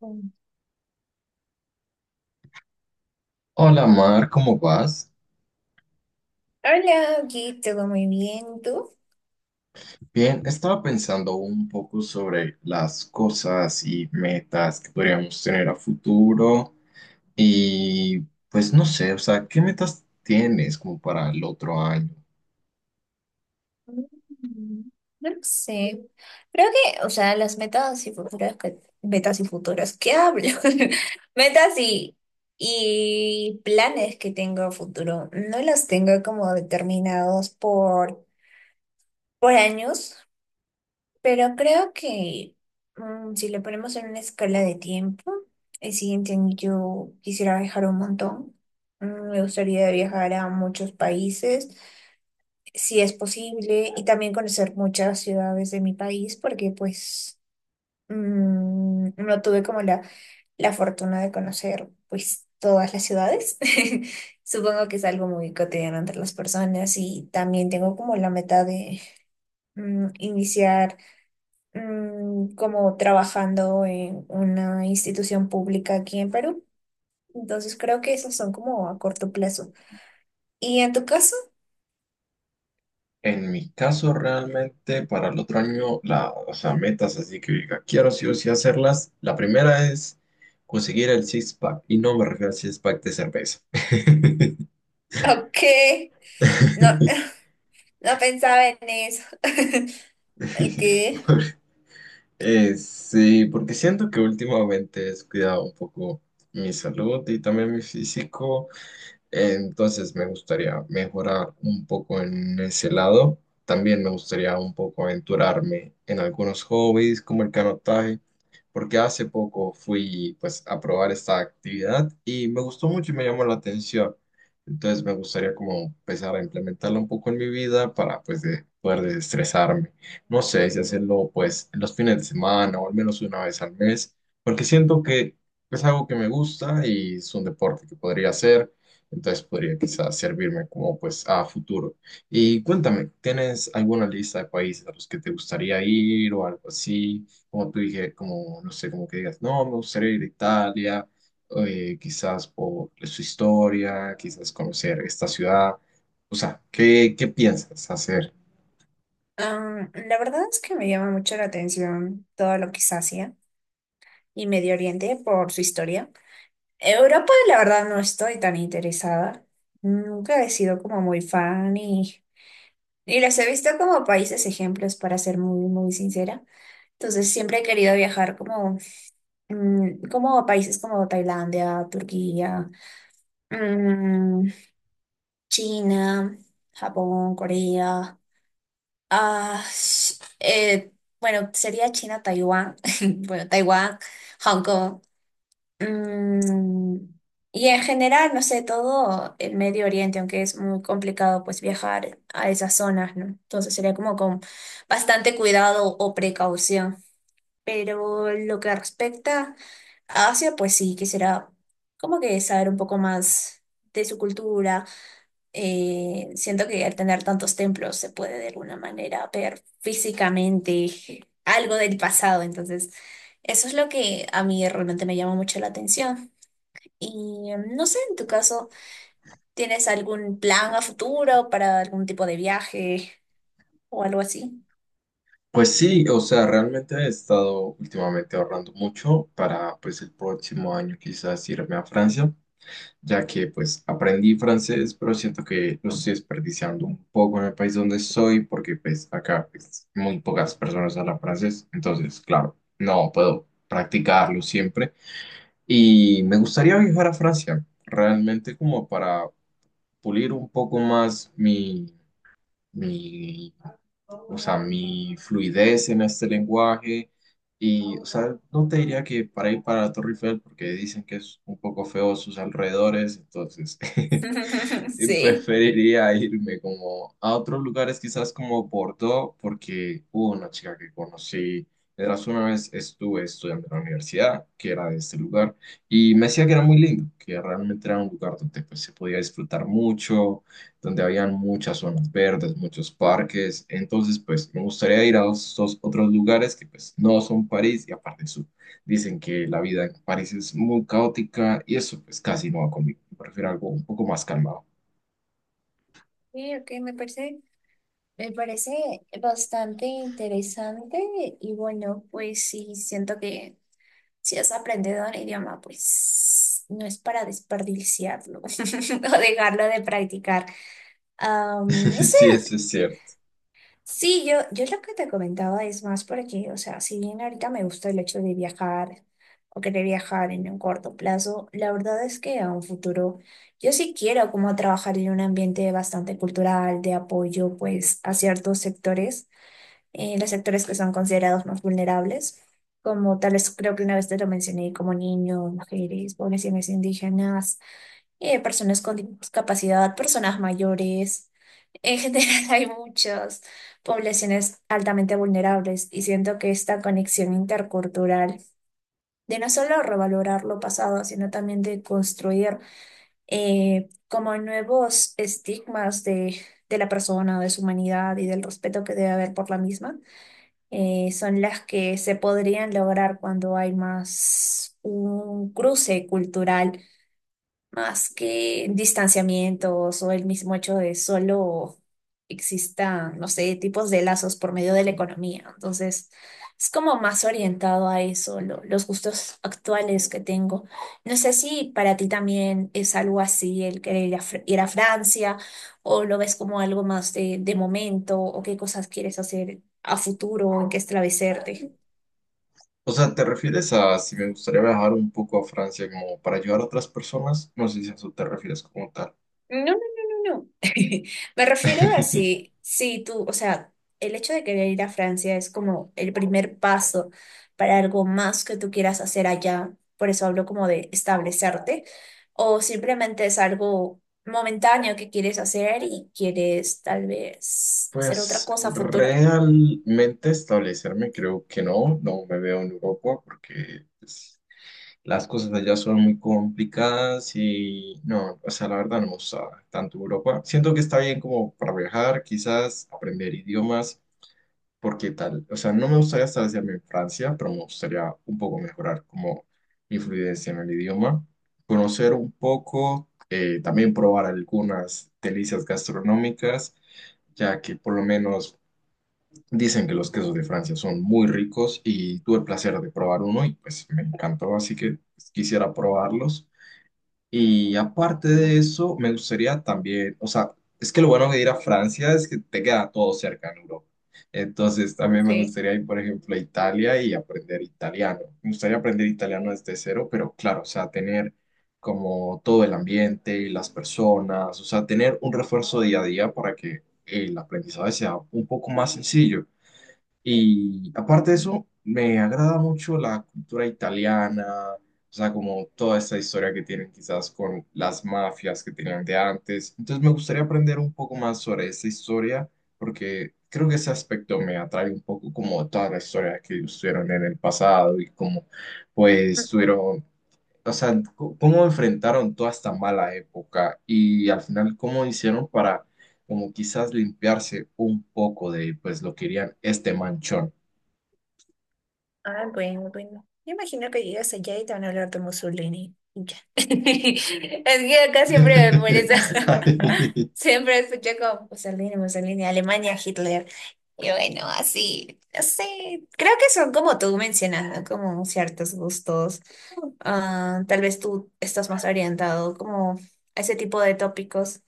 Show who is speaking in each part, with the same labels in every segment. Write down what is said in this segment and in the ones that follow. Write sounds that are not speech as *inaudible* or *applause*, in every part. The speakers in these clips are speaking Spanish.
Speaker 1: Mm.
Speaker 2: Hola Mar, ¿cómo vas?
Speaker 1: Hola, aquí todo muy bien, ¿y tú?
Speaker 2: Bien, estaba pensando un poco sobre las cosas y metas que podríamos tener a futuro y pues no sé, o sea, ¿qué metas tienes como para el otro año?
Speaker 1: Mm, No lo sé. Creo que, o sea, las metas y futuras, metas y futuras, ¿qué hablo? *laughs* Metas y planes que tengo a futuro, no los tengo como determinados por años, pero creo que si le ponemos en una escala de tiempo, el siguiente año yo quisiera viajar un montón. Me gustaría viajar a muchos países, si es posible, y también conocer muchas ciudades de mi país, porque pues no tuve como la fortuna de conocer pues todas las ciudades. *laughs* Supongo que es algo muy cotidiano entre las personas y también tengo como la meta de iniciar como trabajando en una institución pública aquí en Perú. Entonces creo que esos son como a corto plazo. ¿Y en tu caso?
Speaker 2: En mi caso realmente para el otro año, la, o sea, metas así que diga, quiero sí o sí hacerlas. La primera es conseguir el six-pack y no me refiero al six-pack de cerveza.
Speaker 1: *laughs* Ok. No, *laughs*
Speaker 2: *laughs*
Speaker 1: no pensaba en eso. *laughs* ¿El qué?
Speaker 2: *laughs* Sí, porque siento que últimamente he descuidado un poco mi salud y también mi físico. Entonces me gustaría mejorar un poco en ese lado. También me gustaría un poco aventurarme en algunos hobbies como el canotaje, porque hace poco fui pues a probar esta actividad y me gustó mucho y me llamó la atención. Entonces me gustaría como empezar a implementarla un poco en mi vida para pues poder desestresarme. No sé si hacerlo pues en los fines de semana o al menos una vez al mes, porque siento que es algo que me gusta y es un deporte que podría hacer, entonces podría quizás servirme como pues a futuro. Y cuéntame, ¿tienes alguna lista de países a los que te gustaría ir o algo así? Como tú dije, como no sé, como que digas, no, me gustaría ir a Italia, quizás por su historia, quizás conocer esta ciudad. O sea, ¿qué, qué piensas hacer?
Speaker 1: La verdad es que me llama mucho la atención todo lo que es Asia y Medio Oriente por su historia. Europa, la verdad, no estoy tan interesada. Nunca he sido como muy fan y las he visto como países ejemplos, para ser muy, muy sincera. Entonces, siempre he querido viajar como como a países como Tailandia, Turquía, mm, China, Japón, Corea. Ah, bueno, sería China, Taiwán, *laughs* bueno, Taiwán, Hong Kong. Mm, y en general, no sé, todo el Medio Oriente, aunque es muy complicado pues viajar a esas zonas, ¿no? Entonces sería como con bastante cuidado o precaución. Pero lo que respecta a Asia, pues sí, quisiera como que saber un poco más de su cultura. Siento que al tener tantos templos se puede de alguna manera ver físicamente *laughs* algo del pasado, entonces eso es lo que a mí realmente me llama mucho la atención. Y no sé, en tu caso, ¿tienes algún plan a futuro para algún tipo de viaje o algo así?
Speaker 2: Pues sí, o sea, realmente he estado últimamente ahorrando mucho para pues el próximo año quizás irme a Francia, ya que pues aprendí francés, pero siento que lo estoy desperdiciando un poco en el país donde soy, porque pues acá pues, muy pocas personas hablan francés, entonces claro, no puedo practicarlo siempre. Y me gustaría viajar a Francia, realmente como para pulir un poco más mi o sea, mi fluidez en este lenguaje. Y, o sea, no te diría que para ir para la Torre Eiffel, porque dicen que es un poco feo sus alrededores, entonces. *laughs*
Speaker 1: *laughs* Sí.
Speaker 2: Preferiría irme como a otros lugares, quizás como Bordeaux, porque hubo una chica que conocí, eras una vez estuve estudiando en la universidad, que era de este lugar, y me decía que era muy lindo, que realmente era un lugar donde pues, se podía disfrutar mucho, donde habían muchas zonas verdes, muchos parques, entonces pues me gustaría ir a esos otros lugares que pues no son París. Y aparte dicen que la vida en París es muy caótica y eso pues casi no va conmigo. Prefiero algo un poco más calmado.
Speaker 1: Sí, ok, me parece bastante interesante y bueno, pues sí, siento que... Si has aprendido un idioma, pues no es para desperdiciarlo *laughs* o dejarlo de practicar. No
Speaker 2: *laughs*
Speaker 1: sé,
Speaker 2: Sí, eso es cierto.
Speaker 1: sí, yo lo que te comentaba es más porque, o sea, si bien ahorita me gusta el hecho de viajar o querer viajar en un corto plazo, la verdad es que a un futuro yo sí quiero como trabajar en un ambiente bastante cultural, de apoyo pues a ciertos sectores, que son considerados más vulnerables, como tal vez creo que una vez te lo mencioné, como niños, mujeres, poblaciones indígenas, personas con discapacidad, personas mayores. En general *laughs* hay muchas poblaciones altamente vulnerables y siento que esta conexión intercultural de no solo revalorar lo pasado, sino también de construir como nuevos estigmas de la persona, de su humanidad y del respeto que debe haber por la misma son las que se podrían lograr cuando hay más un cruce cultural, más que distanciamientos o el mismo hecho de solo existan, no sé, tipos de lazos por medio de la economía. Entonces, es como más orientado a eso, los gustos actuales que tengo. No sé si para ti también es algo así el querer ir a Francia, o lo ves como algo más de momento, o qué cosas quieres hacer a futuro, en qué establecerte.
Speaker 2: O sea, ¿te refieres a si me gustaría viajar un poco a Francia como para ayudar a otras personas? No sé si a eso te refieres como tal.
Speaker 1: No, no, no, no, no. *laughs* Me refiero a
Speaker 2: *laughs*
Speaker 1: si tú, o sea, el hecho de querer ir a Francia es como el primer paso para algo más que tú quieras hacer allá. Por eso hablo como de establecerte. O simplemente es algo momentáneo que quieres hacer y quieres tal vez hacer otra
Speaker 2: Pues
Speaker 1: cosa a futuro.
Speaker 2: realmente establecerme creo que no, no me veo en Europa porque pues, las cosas allá son muy complicadas y no, o sea, la verdad no me gusta tanto Europa. Siento que está bien como para viajar, quizás aprender idiomas, porque tal, o sea, no me gustaría estar haciendo en Francia, pero me gustaría un poco mejorar como mi fluidez en el idioma, conocer un poco, también probar algunas delicias gastronómicas, ya que por lo menos dicen que los quesos de Francia son muy ricos y tuve el placer de probar uno y pues me encantó, así que quisiera probarlos. Y aparte de eso, me gustaría también, o sea, es que lo bueno de ir a Francia es que te queda todo cerca en Europa. Entonces, también me
Speaker 1: Sí.
Speaker 2: gustaría ir, por ejemplo, a Italia y aprender italiano. Me gustaría aprender italiano desde cero, pero claro, o sea, tener como todo el ambiente, las personas, o sea, tener un refuerzo día a día para que el aprendizaje sea un poco más sencillo. Y aparte de eso, me agrada mucho la cultura italiana, o sea, como toda esta historia que tienen quizás con las mafias que tenían de antes. Entonces me gustaría aprender un poco más sobre esa historia, porque creo que ese aspecto me atrae un poco como toda la historia que ellos tuvieron en el pasado y como pues tuvieron, o sea, cómo enfrentaron toda esta mala época y al final cómo hicieron para como quizás limpiarse un poco de pues lo que querían este manchón.
Speaker 1: Ah, bueno, bueno. Yo imagino que llegas allá y te van a hablar de Mussolini. Y ya. *laughs* Es que acá siempre me molesta. *laughs*
Speaker 2: *laughs*
Speaker 1: Siempre escucho como Mussolini, Mussolini, Alemania, Hitler. Y bueno, así, no sé. Creo que son como tú mencionas, ¿no? Como ciertos gustos. Ah, tal vez tú estás más orientado como a ese tipo de tópicos.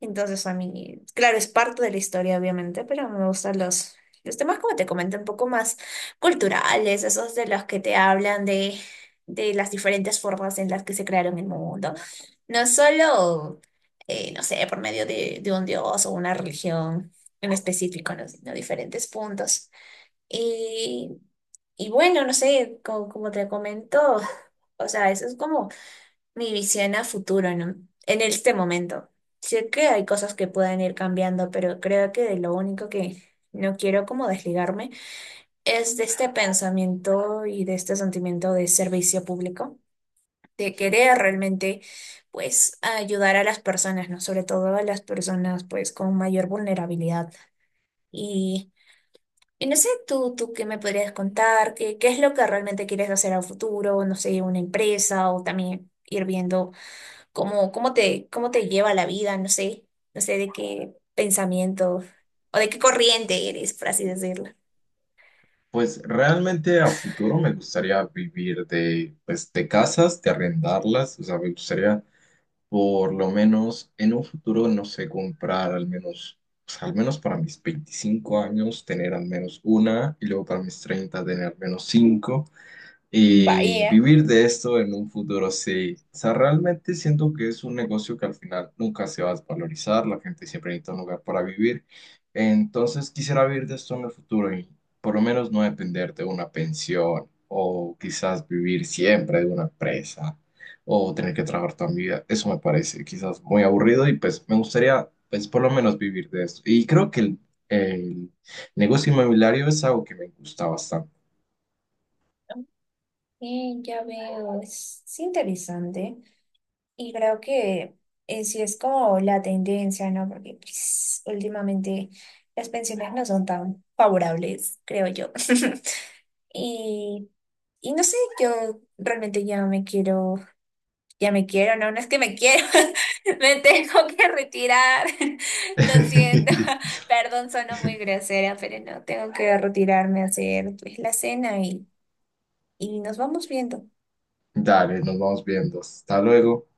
Speaker 1: Entonces a mí, claro, es parte de la historia, obviamente, pero me gustan los temas, como te comenté, un poco más culturales, esos de los que te hablan de las diferentes formas en las que se crearon el mundo. No solo, no sé, por medio de un dios o una religión en específico, ¿no? Sino diferentes puntos. Y, y bueno, no sé, como te comento, o sea, eso es como mi visión a futuro, ¿no? En este momento. Sé que hay cosas que pueden ir cambiando, pero creo que de lo único que no quiero como desligarme es de este pensamiento y de este sentimiento de servicio público, de querer realmente, pues, ayudar a las personas, ¿no? Sobre todo a las personas, pues, con mayor vulnerabilidad. Y, y no sé, tú qué me podrías contar, qué es lo que realmente quieres hacer a futuro, no sé, una empresa o también ir viendo cómo te lleva la vida, no sé de qué pensamiento o de qué corriente eres, por así decirlo.
Speaker 2: Pues realmente a futuro me gustaría vivir de, pues, de casas, de arrendarlas, o sea, me gustaría por lo menos en un futuro, no sé, comprar al menos, pues, al menos para mis 25 años tener al menos una y luego para mis 30 tener al menos 5 y
Speaker 1: Vaya,
Speaker 2: vivir de esto en un futuro, sí. O sea, realmente siento que es un negocio que al final nunca se va a desvalorizar, la gente siempre necesita un lugar para vivir. Entonces quisiera vivir de esto en el futuro y por lo menos no depender de una pensión o quizás vivir siempre de una empresa o tener que trabajar toda mi vida. Eso me parece quizás muy aburrido y pues me gustaría pues por lo menos vivir de esto. Y creo que el negocio inmobiliario es algo que me gusta bastante.
Speaker 1: ya veo, es interesante y creo que sí es como la tendencia, ¿no? Porque pues, últimamente las pensiones no son tan favorables, creo yo. *laughs* Y, y no sé, yo realmente ya me quiero, no, no es que me quiero, *laughs* me tengo que retirar. *laughs* Lo siento,
Speaker 2: *laughs*
Speaker 1: *laughs* perdón, sono muy grosera, pero no, tengo que retirarme a hacer pues la cena y nos vamos viendo.
Speaker 2: Dale, nos vamos viendo. Hasta luego.